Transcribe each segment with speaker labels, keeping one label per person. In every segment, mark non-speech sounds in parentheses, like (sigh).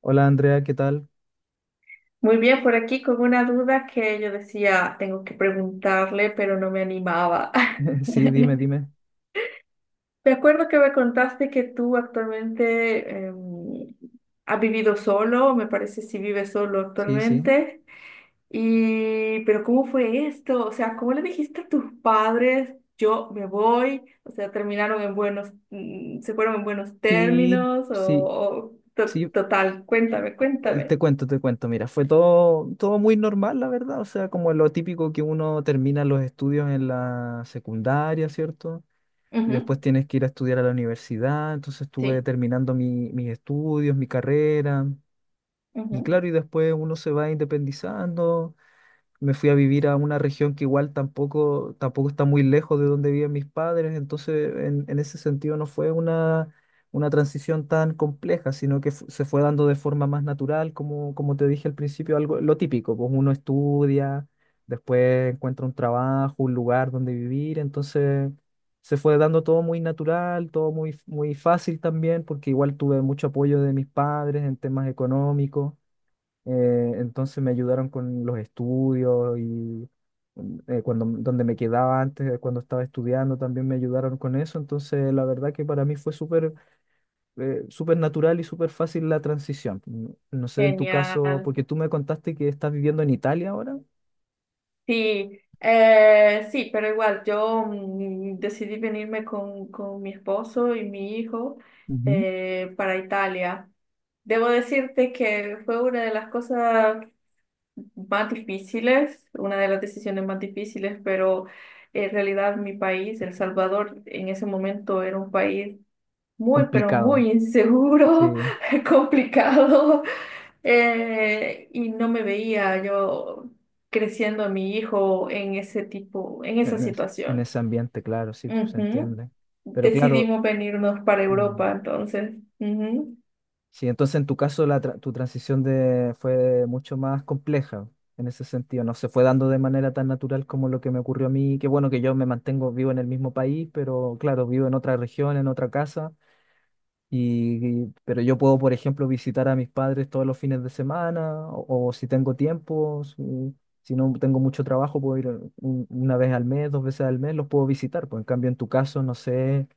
Speaker 1: Hola Andrea, ¿qué tal?
Speaker 2: Muy bien, por aquí con una duda que yo decía, tengo que preguntarle, pero no me animaba. (laughs)
Speaker 1: (laughs) Sí, dime, dime.
Speaker 2: Me acuerdo que me contaste que tú actualmente has vivido solo, me parece si vives solo
Speaker 1: Sí, sí.
Speaker 2: actualmente. Y, pero ¿cómo fue esto? O sea, ¿cómo le dijiste a tus padres, yo me voy? O sea, terminaron en buenos, se fueron en buenos
Speaker 1: Sí,
Speaker 2: términos o,
Speaker 1: sí,
Speaker 2: o to-
Speaker 1: sí.
Speaker 2: total, cuéntame, cuéntame.
Speaker 1: Te cuento, te cuento. Mira, fue todo, todo muy normal, la verdad. O sea, como lo típico que uno termina los estudios en la secundaria, ¿cierto? Y después
Speaker 2: Ujú.
Speaker 1: tienes que ir a estudiar a la universidad. Entonces estuve
Speaker 2: Sí.
Speaker 1: terminando mis estudios, mi carrera. Y claro,
Speaker 2: Ujú.
Speaker 1: y después uno se va independizando. Me fui a vivir a una región que igual tampoco, tampoco está muy lejos de donde viven mis padres, entonces en ese sentido no fue una transición tan compleja, sino que se fue dando de forma más natural, como, como te dije al principio, algo lo típico, pues uno estudia, después encuentra un trabajo, un lugar donde vivir, entonces se fue dando todo muy natural, todo muy, muy fácil también, porque igual tuve mucho apoyo de mis padres en temas económicos. Entonces me ayudaron con los estudios y cuando, donde me quedaba antes, cuando estaba estudiando, también me ayudaron con eso. Entonces, la verdad que para mí fue súper súper natural y súper fácil la transición. No, no sé en tu caso,
Speaker 2: Genial.
Speaker 1: porque tú me contaste que estás viviendo en Italia ahora.
Speaker 2: Sí, sí, pero igual yo decidí venirme con mi esposo y mi hijo
Speaker 1: Ujú.
Speaker 2: para Italia. Debo decirte que fue una de las cosas más difíciles, una de las decisiones más difíciles, pero en realidad mi país, El Salvador, en ese momento era un país muy, pero
Speaker 1: Complicado,
Speaker 2: muy inseguro,
Speaker 1: sí,
Speaker 2: (laughs) complicado, y no me veía yo creciendo a mi hijo en ese tipo, en esa
Speaker 1: en
Speaker 2: situación.
Speaker 1: ese ambiente, claro, sí, se
Speaker 2: Ujú.
Speaker 1: entiende. Pero claro,
Speaker 2: Decidimos venirnos para
Speaker 1: mm,
Speaker 2: Europa, entonces. Ujú.
Speaker 1: sí, entonces en tu caso la tu transición de, fue mucho más compleja en ese sentido. No se fue dando de manera tan natural como lo que me ocurrió a mí. Qué bueno que yo me mantengo vivo en el mismo país, pero claro, vivo en otra región, en otra casa. Pero yo puedo, por ejemplo, visitar a mis padres todos los fines de semana o si tengo tiempo, si, si no tengo mucho trabajo, puedo ir una vez al mes, dos veces al mes, los puedo visitar. Pues en cambio, en tu caso, no sé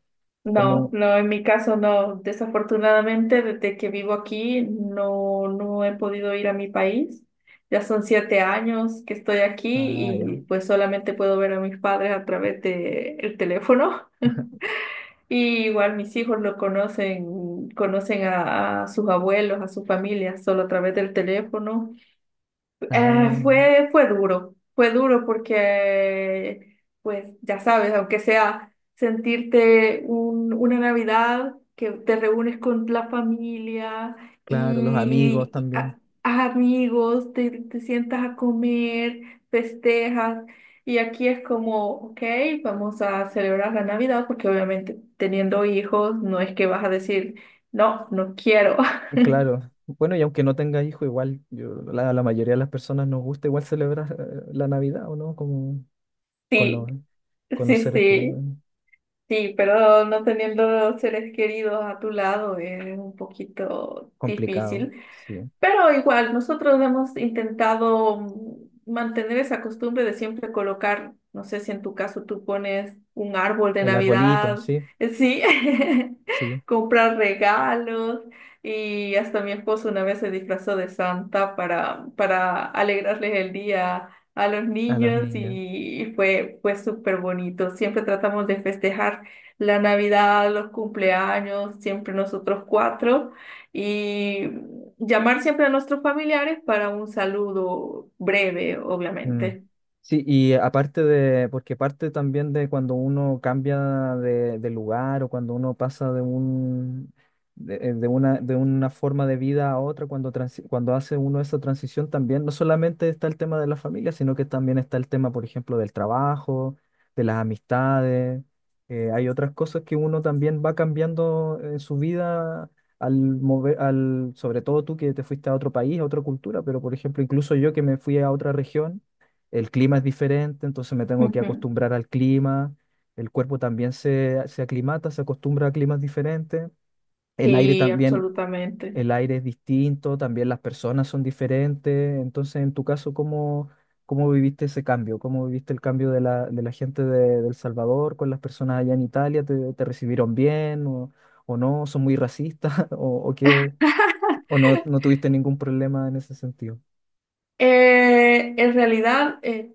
Speaker 2: No,
Speaker 1: cómo...
Speaker 2: no, en mi caso no. Desafortunadamente, desde que vivo aquí, no, no he podido ir a mi país. Ya son 7 años que estoy aquí
Speaker 1: Ah, ya.
Speaker 2: y pues solamente puedo ver a mis padres a través de el teléfono. Y igual mis hijos lo conocen, conocen a sus abuelos, a su familia, solo a través del teléfono.
Speaker 1: Ah,
Speaker 2: Fue, fue duro porque, pues ya sabes, aunque sea sentirte una Navidad que te reúnes con la familia
Speaker 1: claro, los amigos
Speaker 2: y
Speaker 1: también.
Speaker 2: a amigos, te sientas a comer, festejas, y aquí es como, ok, vamos a celebrar la Navidad porque obviamente teniendo hijos no es que vas a decir, no, no quiero. (laughs)
Speaker 1: Claro, bueno, y aunque no tenga hijo, igual yo, la mayoría de las personas nos gusta igual celebrar la Navidad, ¿o no? Como con
Speaker 2: Sí,
Speaker 1: los, con los
Speaker 2: sí,
Speaker 1: seres queridos,
Speaker 2: sí.
Speaker 1: ¿no?
Speaker 2: Sí, pero no teniendo seres queridos a tu lado es un poquito
Speaker 1: Complicado,
Speaker 2: difícil.
Speaker 1: sí.
Speaker 2: Pero igual, nosotros hemos intentado mantener esa costumbre de siempre colocar, no sé si en tu caso tú pones un árbol de
Speaker 1: El arbolito,
Speaker 2: Navidad,
Speaker 1: sí,
Speaker 2: sí, (laughs)
Speaker 1: sí,
Speaker 2: comprar regalos y hasta mi esposo una vez se disfrazó de Santa para alegrarles el día a los
Speaker 1: a los
Speaker 2: niños
Speaker 1: niños.
Speaker 2: y fue, fue súper bonito. Siempre tratamos de festejar la Navidad, los cumpleaños, siempre nosotros cuatro. Y llamar siempre a nuestros familiares para un saludo breve,
Speaker 1: Mm.
Speaker 2: obviamente.
Speaker 1: Sí, y aparte de, porque parte también de cuando uno cambia de lugar o cuando uno pasa de un, de una forma de vida a otra, cuando, cuando hace uno esa transición también, no solamente está el tema de la familia, sino que también está el tema, por ejemplo, del trabajo, de las amistades. Hay otras cosas que uno también va cambiando en su vida al mover, al, sobre todo tú que te fuiste a otro país, a otra cultura, pero por ejemplo, incluso yo que me fui a otra región, el clima es diferente, entonces me tengo que
Speaker 2: Ujú.
Speaker 1: acostumbrar al clima, el cuerpo también se aclimata, se acostumbra a climas diferentes, el aire
Speaker 2: Sí,
Speaker 1: también,
Speaker 2: absolutamente.
Speaker 1: el aire es distinto, también las personas son diferentes, entonces en tu caso, ¿cómo, cómo viviste ese cambio? ¿Cómo viviste el cambio de la gente de El Salvador con las personas allá en Italia? ¿Te, te recibieron bien o no? ¿Son muy racistas (laughs) o qué? ¿O no, no tuviste ningún problema en ese sentido?
Speaker 2: Eh, en realidad, eh,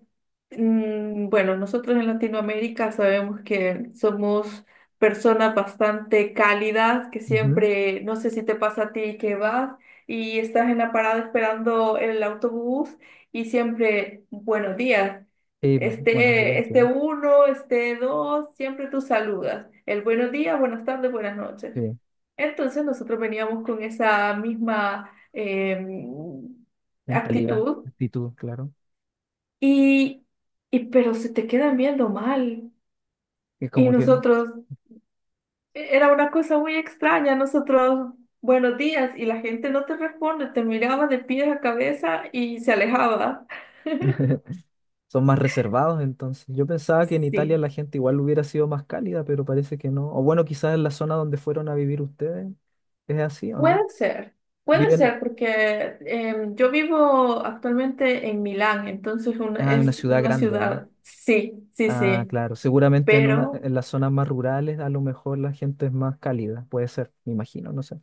Speaker 2: bueno, nosotros en Latinoamérica sabemos que somos personas bastante cálidas, que
Speaker 1: Ujú.
Speaker 2: siempre, no sé si te pasa a ti que vas y estás en la parada esperando el autobús y siempre, buenos días.
Speaker 1: Sí, buenos
Speaker 2: Este,
Speaker 1: días,
Speaker 2: este
Speaker 1: claro.
Speaker 2: uno, este dos, siempre tú saludas. El buenos días, buenas tardes, buenas noches.
Speaker 1: Sí.
Speaker 2: Entonces nosotros veníamos con esa misma
Speaker 1: Mentalidad,
Speaker 2: actitud
Speaker 1: actitud, claro.
Speaker 2: y, y pero se te quedan viendo mal.
Speaker 1: Y
Speaker 2: Y
Speaker 1: como que
Speaker 2: nosotros, era una cosa muy extraña, nosotros, buenos días, y la gente no te responde, te miraba de pies a cabeza y se alejaba.
Speaker 1: (laughs) son más reservados entonces. Yo pensaba que en Italia
Speaker 2: Sí,
Speaker 1: la gente igual hubiera sido más cálida, pero parece que no. O bueno, quizás en la zona donde fueron a vivir ustedes, ¿es así o no?
Speaker 2: puede ser, puede ser,
Speaker 1: Viven,
Speaker 2: porque yo vivo actualmente en Milán, entonces
Speaker 1: ah, en una
Speaker 2: es
Speaker 1: ciudad
Speaker 2: una
Speaker 1: grande, ¿o no?
Speaker 2: ciudad, sí, sí,
Speaker 1: Ah,
Speaker 2: sí,
Speaker 1: claro. Seguramente en una,
Speaker 2: pero…
Speaker 1: en las zonas más rurales a lo mejor la gente es más cálida. Puede ser, me imagino, no sé.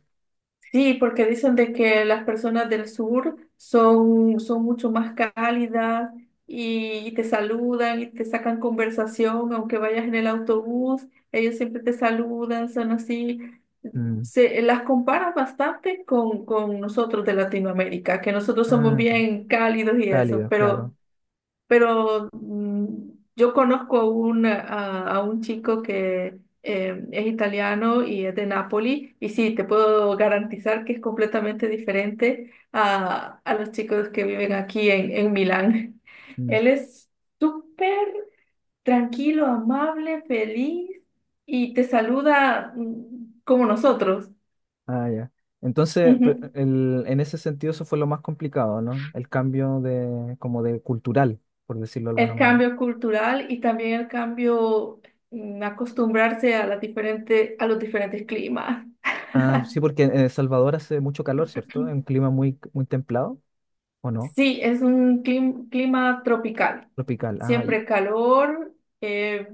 Speaker 2: Sí, porque dicen de que las personas del sur son, son mucho más cálidas y te saludan y te sacan conversación, aunque vayas en el autobús, ellos siempre te saludan, son así.
Speaker 1: Mm.
Speaker 2: Se, las comparan bastante con nosotros de Latinoamérica, que nosotros somos
Speaker 1: Ah, sí.
Speaker 2: bien cálidos y eso,
Speaker 1: Cálido,
Speaker 2: pero
Speaker 1: claro.
Speaker 2: pero mm, yo conozco a un chico que es italiano y es de Nápoli, y sí, te puedo garantizar que es completamente diferente a los chicos que viven aquí en Milán. (laughs)
Speaker 1: Mm.
Speaker 2: Él es súper tranquilo, amable, feliz y te saluda como nosotros.
Speaker 1: Ah, ya. Entonces, pero
Speaker 2: Ujú.
Speaker 1: en ese sentido eso fue lo más complicado, ¿no? El cambio de, como de cultural, por decirlo de alguna
Speaker 2: El
Speaker 1: manera.
Speaker 2: cambio cultural y también el cambio en acostumbrarse a las diferentes, a los diferentes climas.
Speaker 1: Ah, sí, porque en El Salvador hace mucho calor, ¿cierto? Es un
Speaker 2: (laughs)
Speaker 1: clima muy, muy templado, ¿o no?
Speaker 2: Sí, es un clima tropical.
Speaker 1: Tropical. Ah, y-
Speaker 2: Siempre calor, eh,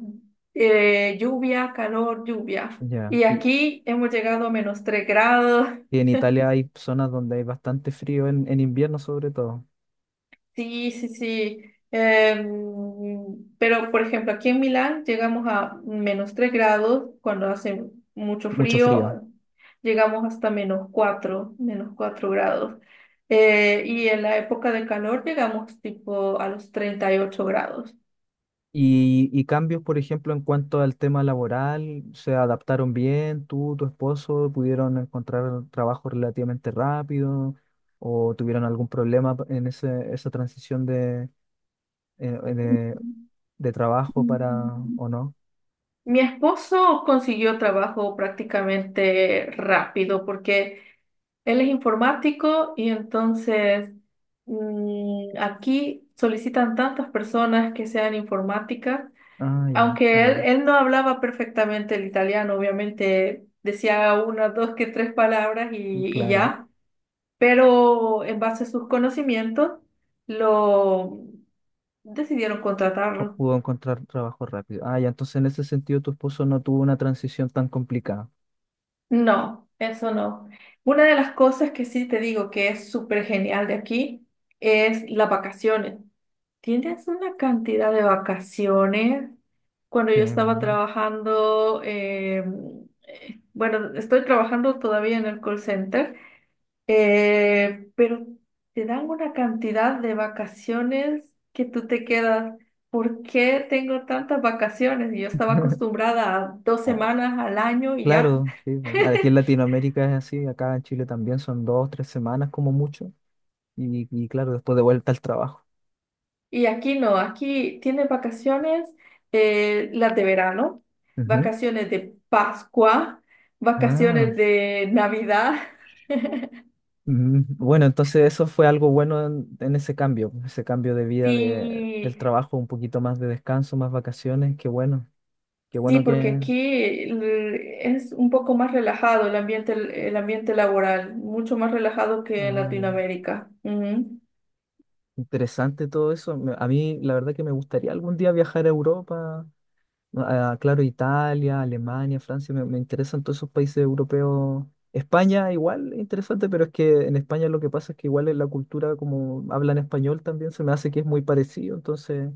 Speaker 2: lluvia, calor, lluvia.
Speaker 1: ya.
Speaker 2: Y aquí hemos llegado a -3 grados.
Speaker 1: Y en Italia hay zonas donde hay bastante frío en invierno, sobre todo.
Speaker 2: Sí, sí, sí. Em, pero, por ejemplo, aquí en Milán llegamos a -3 grados cuando hace mucho
Speaker 1: Mucho
Speaker 2: frío,
Speaker 1: frío.
Speaker 2: llegamos hasta -4, -4 grados. Y en la época de calor llegamos tipo a los 38 grados.
Speaker 1: Y cambios, por ejemplo, en cuanto al tema laboral, ¿se adaptaron bien? ¿Tú, tu esposo, pudieron encontrar trabajo relativamente rápido? ¿O tuvieron algún problema en ese, esa transición eh, eh, de, de trabajo para o no?
Speaker 2: Mi esposo consiguió trabajo prácticamente rápido porque él es informático y entonces aquí solicitan tantas personas que sean informáticas,
Speaker 1: Ah, ya, está
Speaker 2: aunque
Speaker 1: bien.
Speaker 2: él no hablaba perfectamente el italiano, obviamente decía una, dos, que tres palabras
Speaker 1: Y
Speaker 2: y
Speaker 1: claro,
Speaker 2: ya, pero en base a sus conocimientos lo decidieron contratarlo.
Speaker 1: pudo encontrar trabajo rápido. Ah, ya, entonces en ese sentido tu esposo no tuvo una transición tan complicada.
Speaker 2: No, eso no. Una de las cosas que sí te digo que es súper genial de aquí es las vacaciones. Tienes una cantidad de vacaciones. Cuando yo
Speaker 1: Qué
Speaker 2: estaba
Speaker 1: bueno.
Speaker 2: trabajando, bueno, estoy trabajando todavía en el call center, pero te dan una cantidad de vacaciones que tú te quedas. ¿Por qué tengo tantas vacaciones? Y yo estaba
Speaker 1: (laughs)
Speaker 2: acostumbrada a dos semanas al año y ya.
Speaker 1: Claro, sí, pues, aquí en Latinoamérica es así, acá en Chile también son dos, tres semanas como mucho, y claro, después de vuelta al trabajo.
Speaker 2: Y aquí no, aquí tienen vacaciones, las de verano,
Speaker 1: Ujú.
Speaker 2: vacaciones de Pascua,
Speaker 1: Ah,
Speaker 2: vacaciones de Navidad. (laughs)
Speaker 1: bueno, entonces eso fue algo bueno en ese cambio de vida de, del
Speaker 2: Y
Speaker 1: trabajo, un poquito más de descanso, más vacaciones, qué
Speaker 2: sí,
Speaker 1: bueno
Speaker 2: porque
Speaker 1: que...
Speaker 2: aquí es un poco más relajado el ambiente laboral, mucho más relajado que en
Speaker 1: Ah,
Speaker 2: Latinoamérica. Ujú.
Speaker 1: interesante todo eso. A mí la verdad que me gustaría algún día viajar a Europa. Ah, claro, Italia, Alemania, Francia, me interesan todos esos países europeos. España igual, es interesante, pero es que en España lo que pasa es que igual en la cultura, como hablan español también, se me hace que es muy parecido, entonces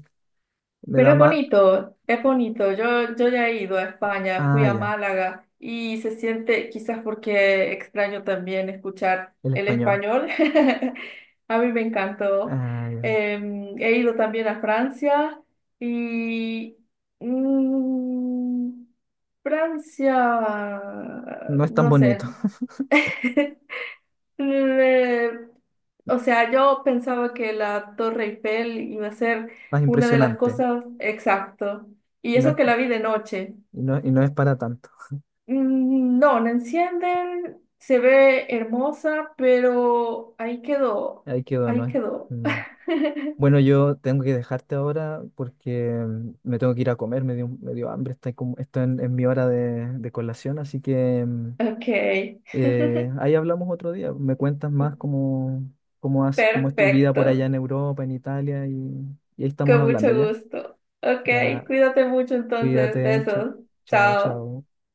Speaker 1: me
Speaker 2: Pero
Speaker 1: da
Speaker 2: es
Speaker 1: más...
Speaker 2: bonito, es bonito. Yo ya he ido a España, fui
Speaker 1: Ah,
Speaker 2: a
Speaker 1: ya,
Speaker 2: Málaga y se siente, quizás porque extraño también escuchar
Speaker 1: el
Speaker 2: el
Speaker 1: español.
Speaker 2: español. (laughs) A mí me encantó.
Speaker 1: Ah, ya.
Speaker 2: Em, he ido también a Francia y mm, Francia,
Speaker 1: No es tan
Speaker 2: no
Speaker 1: bonito,
Speaker 2: sé.
Speaker 1: (laughs)
Speaker 2: (laughs) Mm, Eh, o sea, yo pensaba que la Torre Eiffel iba a ser
Speaker 1: más
Speaker 2: una de las
Speaker 1: impresionante,
Speaker 2: cosas exacto. Y
Speaker 1: y no
Speaker 2: eso que
Speaker 1: es,
Speaker 2: la vi de noche.
Speaker 1: y no es para tanto.
Speaker 2: No, la encienden, se ve hermosa, pero ahí quedó,
Speaker 1: Ahí quedó, ¿no
Speaker 2: ahí
Speaker 1: es?
Speaker 2: quedó. (laughs)
Speaker 1: Bueno, yo tengo que dejarte ahora porque me tengo que ir a comer, me dio hambre, estoy, como, estoy en mi hora de colación, así que
Speaker 2: Ok,
Speaker 1: ahí hablamos otro día. Me cuentas más cómo, cómo, cómo es tu vida por allá
Speaker 2: perfecto,
Speaker 1: en Europa, en Italia, y ahí estamos
Speaker 2: con
Speaker 1: hablando
Speaker 2: mucho
Speaker 1: ya.
Speaker 2: gusto. Ok,
Speaker 1: Ya,
Speaker 2: cuídate mucho entonces,
Speaker 1: cuídate, chao,
Speaker 2: besos,
Speaker 1: chao,
Speaker 2: chao.
Speaker 1: chao.